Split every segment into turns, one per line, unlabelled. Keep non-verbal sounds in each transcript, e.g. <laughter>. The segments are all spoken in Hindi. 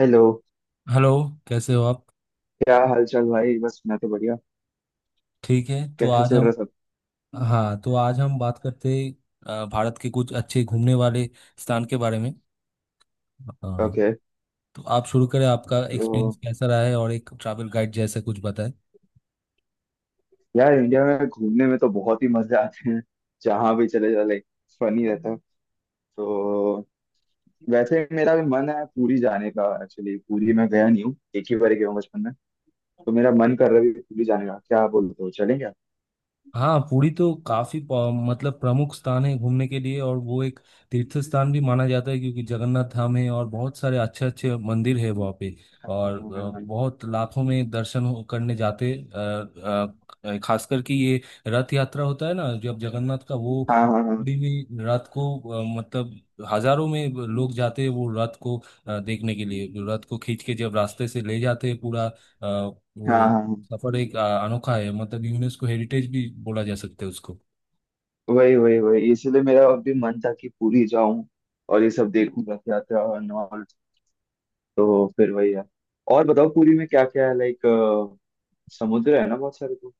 हेलो।
हेलो। कैसे हो आप?
क्या हाल चाल भाई? बस मैं तो बढ़िया।
ठीक है, तो
कैसे
आज
चल
हम...
रहा सब?
हाँ, तो आज हम बात करते भारत के कुछ अच्छे घूमने वाले स्थान के बारे में। हाँ,
ओके।
तो आप शुरू करें, आपका एक्सपीरियंस
तो
कैसा रहा है और एक ट्रैवल गाइड जैसा कुछ बताएं।
यार इंडिया में घूमने में तो बहुत ही मजे आते हैं। जहाँ भी चले जाओ, लाइक फनी रहता है। तो वैसे मेरा भी मन है पूरी जाने का। एक्चुअली पूरी मैं गया नहीं हूँ, एक ही बार गया हूँ बचपन में। तो मेरा मन कर रहा है अभी पूरी जाने का, क्या बोलते हो चलें क्या?
हाँ, पुरी तो काफी मतलब प्रमुख स्थान है घूमने के लिए और वो एक तीर्थ स्थान भी माना जाता है क्योंकि जगन्नाथ धाम है और बहुत सारे अच्छे अच्छे मंदिर है वहाँ पे।
हाँ
और
हाँ हाँ।
बहुत लाखों में दर्शन करने जाते खासकर कि ये रथ यात्रा होता है ना, जब जगन्नाथ का वो
हाँ
पुरी में रथ को मतलब हजारों में लोग जाते हैं, वो रथ को देखने के लिए रथ को खींच के जब रास्ते से ले जाते हैं पूरा अ,
हाँ
वो
हाँ, हाँ।
सफर एक अनोखा है, मतलब यूनेस्को हेरिटेज भी बोला जा सकता है उसको।
वही वही वही, इसलिए मेरा अभी मन था कि पूरी जाऊं और ये सब देखूं, रथ यात्रा और all। तो फिर वही है। और बताओ पुरी में क्या क्या है, लाइक समुद्र है ना बहुत सारे, तो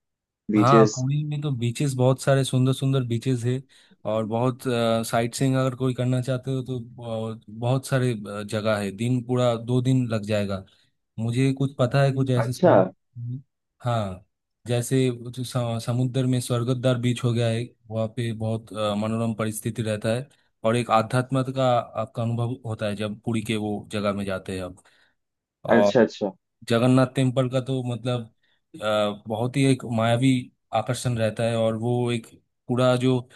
हाँ,
बीचेस।
पुरी में तो बीचेस बहुत सारे, सुंदर सुंदर बीचेस है और बहुत साइट सीइंग अगर कोई करना चाहते हो तो बहुत, बहुत सारे जगह है, दिन पूरा 2 दिन लग जाएगा। मुझे कुछ पता है कुछ ऐसे
अच्छा
स्थान। <laughs> हाँ, जैसे जो समुद्र में स्वर्गद्वार बीच हो गया है, वहाँ पे बहुत मनोरम परिस्थिति रहता है और एक आध्यात्म का आपका अनुभव होता है जब पुरी के वो जगह में जाते हैं
अच्छा
आप।
अच्छा।
जगन्नाथ टेम्पल का तो मतलब बहुत ही एक मायावी आकर्षण रहता है और वो एक पूरा जो अ,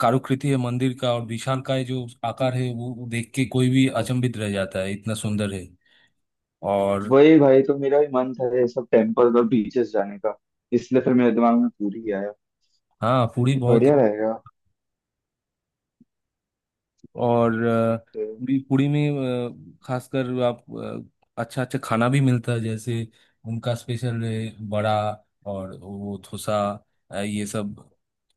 कारुकृति है मंदिर का, और विशालकाय जो आकार है वो देख के कोई भी अचंभित रह जाता है, इतना सुंदर है। और
वही भाई, तो मेरा भी मन था ये सब टेम्पल और बीचेस जाने का, इसलिए फिर मेरे दिमाग में पूरी आया।
हाँ, पुरी बहुत
बढ़िया
ही।
रहेगा
और
फिर।
भी पुरी में खासकर आप अच्छा अच्छा खाना भी मिलता है, जैसे उनका स्पेशल है बड़ा और वो थोसा ये सब।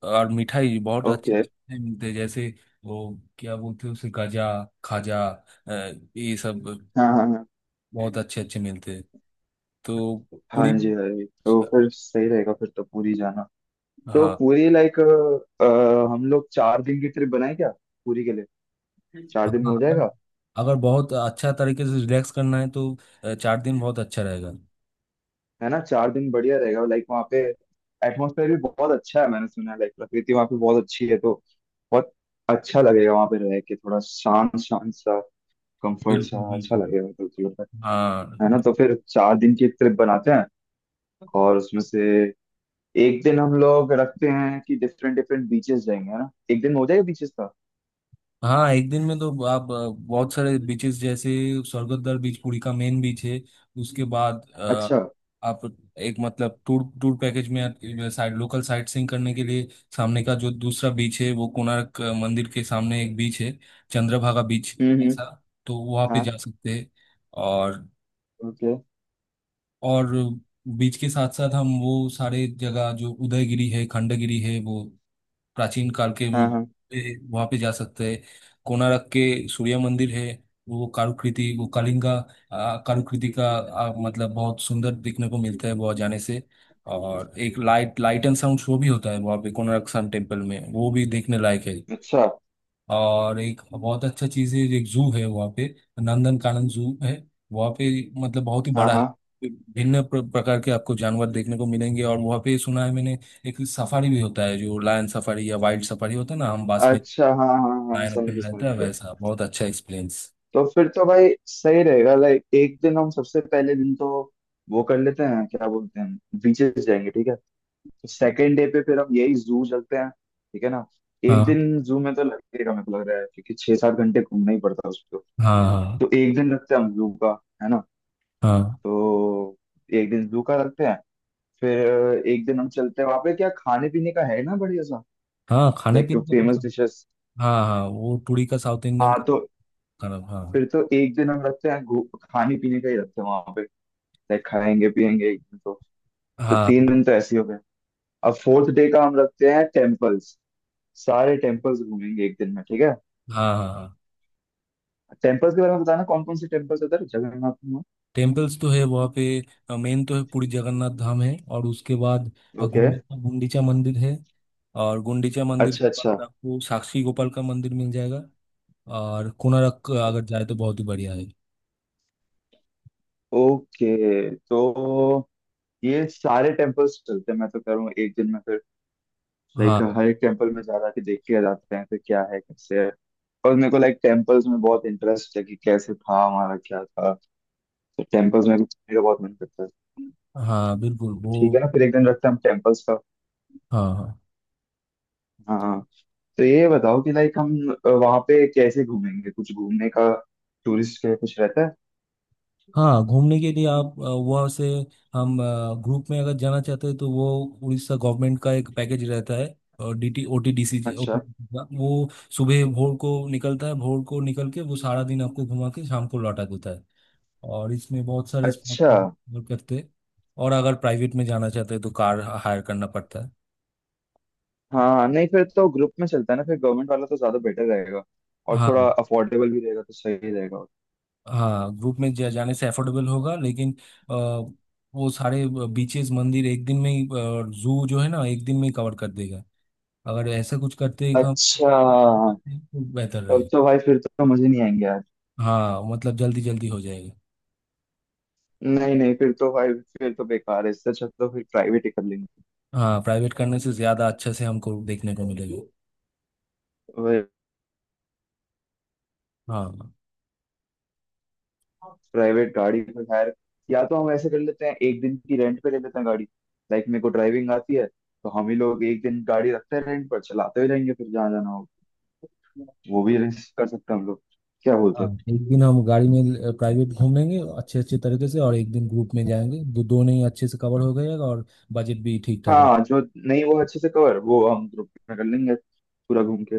और मिठाई, बहुत अच्छे
ओके।
अच्छे मिठाई मिलते हैं, जैसे वो क्या बोलते हैं उसे, गजा, खाजा ये सब
हाँ हाँ हाँ।
बहुत अच्छे अच्छे मिलते हैं। तो पुरी।
हाँ जी भाई, तो
हाँ,
फिर सही रहेगा फिर तो पूरी जाना। तो
हाँ।
पूरी, लाइक हम लोग 4 दिन की ट्रिप बनाए क्या पूरी के लिए, 4 दिन में हो
अगर
जाएगा?
अगर बहुत अच्छा तरीके से रिलैक्स करना है तो चार दिन बहुत अच्छा रहेगा।
है ना 4 दिन बढ़िया रहेगा। लाइक वहाँ पे एटमोसफेयर भी बहुत अच्छा है, मैंने सुना है लाइक प्रकृति वहाँ पे बहुत अच्छी है। तो बहुत अच्छा लगेगा वहाँ पे रह के, थोड़ा शांत शांत सा कंफर्ट सा
बिल्कुल
अच्छा
बिल्कुल।
लगेगा, तो थोड़ा सा।
हाँ
है ना, तो फिर 4 दिन की ट्रिप बनाते हैं। और उसमें से एक दिन हम लोग रखते हैं कि डिफरेंट डिफरेंट बीचेस जाएंगे, है ना एक दिन में हो जाएगा बीचेस का।
हाँ। एक दिन में तो आप बहुत सारे बीचेस, जैसे स्वर्गद्वार बीच पुरी का मेन बीच है, उसके बाद
अच्छा।
आप एक मतलब टूर टूर पैकेज में साइड लोकल साइट सीइंग करने के लिए, सामने का जो दूसरा बीच है वो कोणार्क मंदिर के सामने एक बीच है, चंद्रभागा बीच,
हम्म।
ऐसा, तो वहाँ पे
हाँ।
जा सकते हैं। और
ओके।
और बीच के साथ साथ हम वो सारे जगह जो उदयगिरी है, खंडगिरी है, वो प्राचीन काल के भी,
हाँ हाँ।
वहां पे जा सकते हैं। कोणार्क के सूर्य मंदिर है, वो कारुकृति, वो कलिंगा कारुकृति का मतलब बहुत सुंदर देखने को मिलता है वहाँ जाने से। और एक light light and sound show भी होता है वहाँ पे कोणार्क सन टेम्पल में, वो भी देखने लायक है।
अच्छा।
और एक बहुत अच्छा चीज़ है, एक जू है वहाँ पे, नंदन कानन जू है वहाँ पे, मतलब बहुत ही
हाँ
बड़ा है।
हाँ।
भिन्न प्रकार के आपको जानवर देखने को मिलेंगे और वहाँ पे, सुना है मैंने, एक सफारी भी होता है जो लायन सफारी या वाइल्ड सफारी होता है ना, हम बास में
अच्छा हाँ हाँ हाँ,
लायन
समझ
ओपन
गया समझ
रहता है,
गया।
वैसा बहुत अच्छा एक्सपीरियंस।
तो फिर तो भाई सही रहेगा, लाइक एक दिन हम सबसे पहले दिन तो वो कर लेते हैं, क्या बोलते हैं, बीचेस जाएंगे ठीक है। तो सेकेंड डे पे फिर हम यही जू चलते हैं, ठीक है ना? एक
हाँ
दिन जू में तो लगेगा मेरे को लग रहा है, क्योंकि 6-7 घंटे घूमना ही पड़ता है उसको।
हाँ हाँ।
तो एक दिन रखते हैं हम जू का, है ना।
हाँ
तो एक दिन जू का रखते हैं। फिर एक दिन हम चलते हैं वहां पे क्या खाने पीने का, है ना बढ़िया सा,
हाँ। खाने
लाइक जो
पीने का,
फेमस डिशेस।
हाँ हाँ, वो टूरी का साउथ इंडियन
हाँ, तो
खाना। हाँ,
फिर तो एक दिन हम रखते हैं खाने पीने का ही रखते हैं वहां पे, लाइक खाएंगे पियेंगे एक दिन तो। तो तीन
हाँ
दिन तो ऐसे ही हो गए। अब फोर्थ डे का हम रखते हैं टेम्पल्स, सारे टेम्पल्स घूमेंगे एक दिन में ठीक है।
हाँ, हाँ।
टेम्पल्स के बारे में बताना, कौन कौन से टेम्पल्स है उधर जगन्नाथ में।
टेम्पल्स तो है वहाँ पे, मेन तो है पुरी जगन्नाथ धाम है और उसके बाद
ओके।
गुंडीचा मंदिर है, और गुंडीचा मंदिर के
अच्छा अच्छा।
बाद आपको साक्षी गोपाल का मंदिर मिल जाएगा। और कोणार्क अगर जाए तो बहुत ही बढ़िया है।
ओके। तो ये सारे टेम्पल्स चलते हैं, मैं तो कह रहा हूँ एक दिन में फिर, लाइक
हाँ,
हर एक टेम्पल में जा रहा के देख के आ जाते हैं, फिर क्या है कैसे है। और मेरे को लाइक टेम्पल्स में बहुत इंटरेस्ट है कि कैसे था हमारा, क्या था। तो टेम्पल्स में घूमने का बहुत मन करता है।
हाँ, बिल्कुल वो।
ठीक है ना, फिर एक दिन रखते हैं हम टेम्पल्स का।
हाँ हाँ
हाँ हाँ। तो ये बताओ कि लाइक हम वहां पे कैसे घूमेंगे, कुछ घूमने का टूरिस्ट के लिए कुछ रहता है?
हाँ, घूमने के लिए आप वहाँ से हम ग्रुप में अगर जाना चाहते हैं तो वो उड़ीसा गवर्नमेंट का एक पैकेज रहता है, और डीटी ओटीडीसी,
अच्छा।
ओटीडीसी का वो, सुबह भोर को निकलता है, भोर को निकल के वो सारा दिन आपको घुमा के शाम को लौटा देता है, और इसमें बहुत सारे स्पॉट
अच्छा।
कवर करते हैं। और अगर प्राइवेट में जाना चाहते हैं तो कार हायर करना पड़ता है।
हाँ नहीं, फिर तो ग्रुप में चलता है ना, फिर गवर्नमेंट वाला तो ज्यादा बेटर रहेगा और
हाँ,
थोड़ा अफोर्डेबल भी रहेगा, तो सही रहेगा।
हाँ, ग्रुप में जाने से अफोर्डेबल होगा, लेकिन अ, वो सारे बीचेस, मंदिर एक दिन में ही, जू जो है ना एक दिन में ही कवर कर देगा, अगर ऐसा कुछ करते ही काम
अच्छा।
करते हैं, तो बेहतर
तब
रहेगा।
तो भाई फिर तो मजे नहीं आएंगे यार।
हाँ, मतलब जल्दी जल्दी हो जाएगा।
नहीं नहीं, फिर तो भाई फिर तो बेकार है, इससे अच्छा तो फिर प्राइवेट ही कर लेंगे।
हाँ, प्राइवेट करने से ज़्यादा अच्छे से हमको देखने को मिलेगा। हाँ
प्राइवेट गाड़ी में खैर, या तो हम ऐसे कर लेते हैं एक दिन की रेंट पे ले लेते हैं गाड़ी, लाइक मेरे को ड्राइविंग आती है, तो हम ही लोग एक दिन गाड़ी रखते हैं रेंट पर चलाते हुए जाएंगे फिर जहाँ जाना हो, वो भी arrange कर सकते हैं हम लोग, क्या बोलते
हाँ।
हो?
एक दिन हम गाड़ी में प्राइवेट घूम लेंगे अच्छे अच्छे तरीके से, और एक दिन ग्रुप में जाएंगे, दो दोनों ही अच्छे से कवर हो गएगा और बजट भी ठीक ठाक रहे।
हाँ जो, नहीं वो अच्छे से कवर, वो हम ग्रुप में कर लेंगे पूरा घूम के।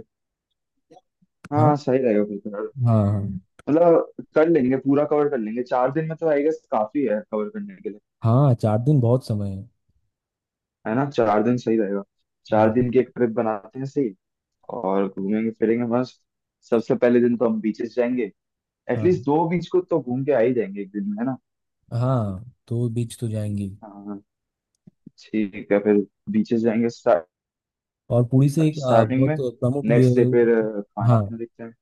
हाँ,
हाँ सही रहेगा फिर तो यार।
हाँ। हाँ,
मतलब कर लेंगे, पूरा कवर कर लेंगे 4 दिन में तो, आई गेस काफी है कवर करने के लिए।
हाँ, 4 दिन बहुत समय है।
है ना, चार दिन सही रहेगा। चार
हाँ
दिन की एक ट्रिप बनाते हैं, सही। और घूमेंगे फिरेंगे मस्त। सबसे पहले दिन तो हम बीचेस जाएंगे,
हाँ
एटलीस्ट 2 बीच को तो घूम के आ ही जाएंगे एक दिन में, है ना।
हाँ, तो बीच तो जाएंगे।
हाँ ठीक है फिर, बीचेस जाएंगे
और पुरी से एक
स्टार्टिंग
बहुत
में।
प्रमुख
नेक्स्ट डे फिर खाना
हाँ।
पीना देखते हैं।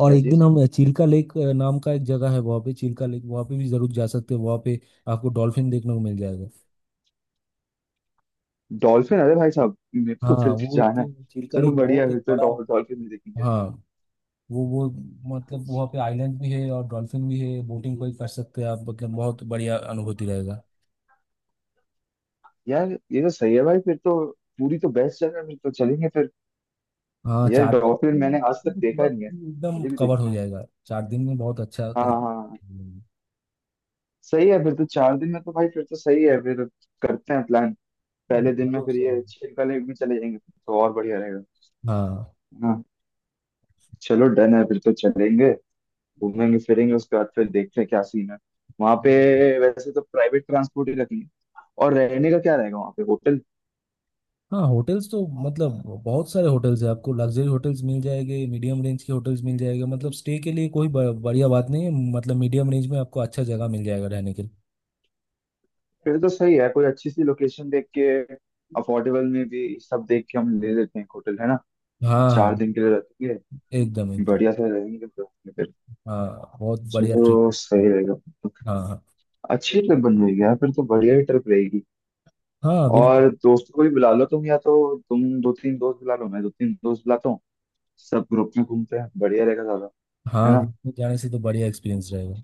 और
क्या
एक दिन
चीज?
हम चिल्का लेक नाम का एक जगह है वहाँ पे, चिल्का लेक वहाँ पे भी जरूर जा सकते हैं, वहाँ पे आपको डॉल्फिन देखने को मिल जाएगा।
डॉल्फिन, अरे भाई साहब मेरे को
हाँ,
फिर से
वो
जाना है।
चिल्का
चलो
लेक
बढ़िया
बहुत
है, फिर
एक
तो
बड़ा।
डॉल्फिन भी देखेंगे।
हाँ, वो मतलब
अच्छा।
वहाँ पे आइलैंड भी है और डॉल्फिन भी है, बोटिंग कोई कर सकते हैं आप, मतलब बहुत बढ़िया अनुभूति रहेगा।
यार ये तो सही है भाई फिर तो। पूरी तो बेस्ट जगह है, फिर तो चलेंगे फिर।
हाँ,
यार
चार चार दिन के
डॉल्फिन
लिए अगर
मैंने आज
जाते
तक
हैं तो पूरा
देखा नहीं है,
एकदम
मुझे भी
कवर हो
देखना है।
जाएगा 4 दिन में, बहुत अच्छा
हाँ हाँ
तरीके।
हाँ। सही है फिर तो, 4 दिन में तो भाई फिर तो सही है फिर, करते हैं प्लान। पहले दिन में
जरूर
फिर
सही।
ये छिलका लेक भी चले जाएंगे, फिर तो और बढ़िया रहेगा,
हाँ।
है ना। चलो डन है, फिर तो चलेंगे, घूमेंगे फिरेंगे, उसके बाद फिर देखते हैं क्या सीन है वहां पे।
है।
वैसे तो प्राइवेट ट्रांसपोर्ट ही रखेंगे। और रहने का क्या रहेगा वहां पे, होटल?
हाँ, होटल्स तो मतलब बहुत सारे होटल्स हैं, आपको लग्जरी होटल्स मिल जाएंगे, मीडियम रेंज के होटल्स मिल जाएंगे, मतलब स्टे के लिए कोई बढ़िया बात नहीं है, मतलब मीडियम रेंज में आपको अच्छा जगह मिल जाएगा रहने के लिए।
फिर तो सही है, कोई अच्छी सी लोकेशन देख के अफोर्डेबल में भी सब देख के हम ले लेते हैं एक होटल, है ना
हाँ,
चार
हाँ।
दिन के लिए रखेंगे,
एकदम, एकदम।
बढ़िया से रहेंगे तो फिर।
हाँ, बहुत बढ़िया ट्रिप।
चलो सही रहेगा।
हाँ हाँ
अच्छी ट्रिप बन गई यार, फिर तो बढ़िया ही ट्रिप रहेगी।
हाँ, बिल्कुल।
और दोस्तों को भी बुला लो तुम, या तो तुम दो तीन दोस्त बुला लो, मैं दो तीन दोस्त बुलाता हूँ, सब ग्रुप में घूमते हैं बढ़िया रहेगा ज्यादा, है
हाँ,
ना।
ग्रुप में जाने से तो बढ़िया एक्सपीरियंस रहेगा।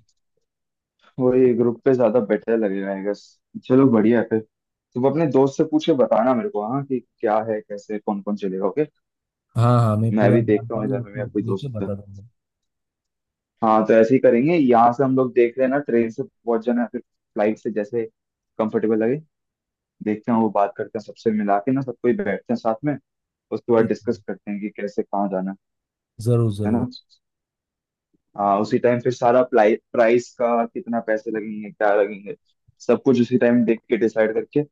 वही ग्रुप पे ज्यादा बेटर लगेगा आई गेस। चलो बढ़िया है फिर, तुम अपने दोस्त से पूछ के बताना मेरे को, हाँ कि क्या है कैसे कौन कौन चलेगा, ओके।
हाँ, हाँ, मैं
मैं
पूरा
भी देखता हूँ
जानकारी
इधर में मेरा कोई
आपको लेके
दोस्त है।
बता दूंगा।
हाँ तो ऐसे ही करेंगे, यहाँ से हम लोग देख रहे हैं ना, ट्रेन से पहुंच जाना है, फिर फ्लाइट से जैसे कंफर्टेबल लगे देखते हैं, वो बात करते हैं सबसे मिला के ना, सबको ही बैठते हैं साथ में, उसके बाद
ठीक है।
डिस्कस करते हैं कि कैसे कहाँ जाना,
जरूर
है
जरूर।
ना। हाँ, उसी टाइम फिर सारा प्लाई प्राइस का कितना पैसे लगेंगे क्या लगेंगे, सब कुछ उसी टाइम देख के डिसाइड करके,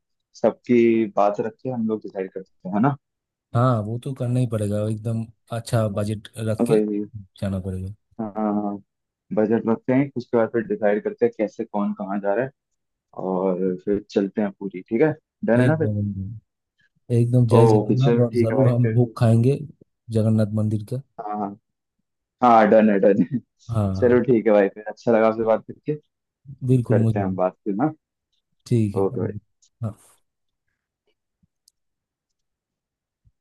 सबकी बात रख के हम लोग डिसाइड करते हैं, है ना।
हाँ, वो तो करना ही पड़ेगा, एकदम अच्छा बजट रख
तो
के
वही।
जाना पड़ेगा।
हाँ, बजट रखते हैं उसके बाद फिर डिसाइड करते हैं कैसे कौन कहाँ जा रहा है, और फिर चलते हैं पूरी, ठीक है डन है ना फिर।
एकदम, एकदम, एकदम, जय
ओके
जगन्नाथ,
चलो
और
ठीक है
जरूर
भाई
हम
फिर।
भोग खाएंगे जगन्नाथ मंदिर का।
हाँ हाँ हाँ। डन है
हाँ,
<laughs> चलो
हाँ,
ठीक है भाई फिर, अच्छा लगा आपसे बात करके,
बिल्कुल,
करते
मुझे
हैं हम
भी।
बात फिर ना।
ठीक है।
ओके भाई।
हाँ।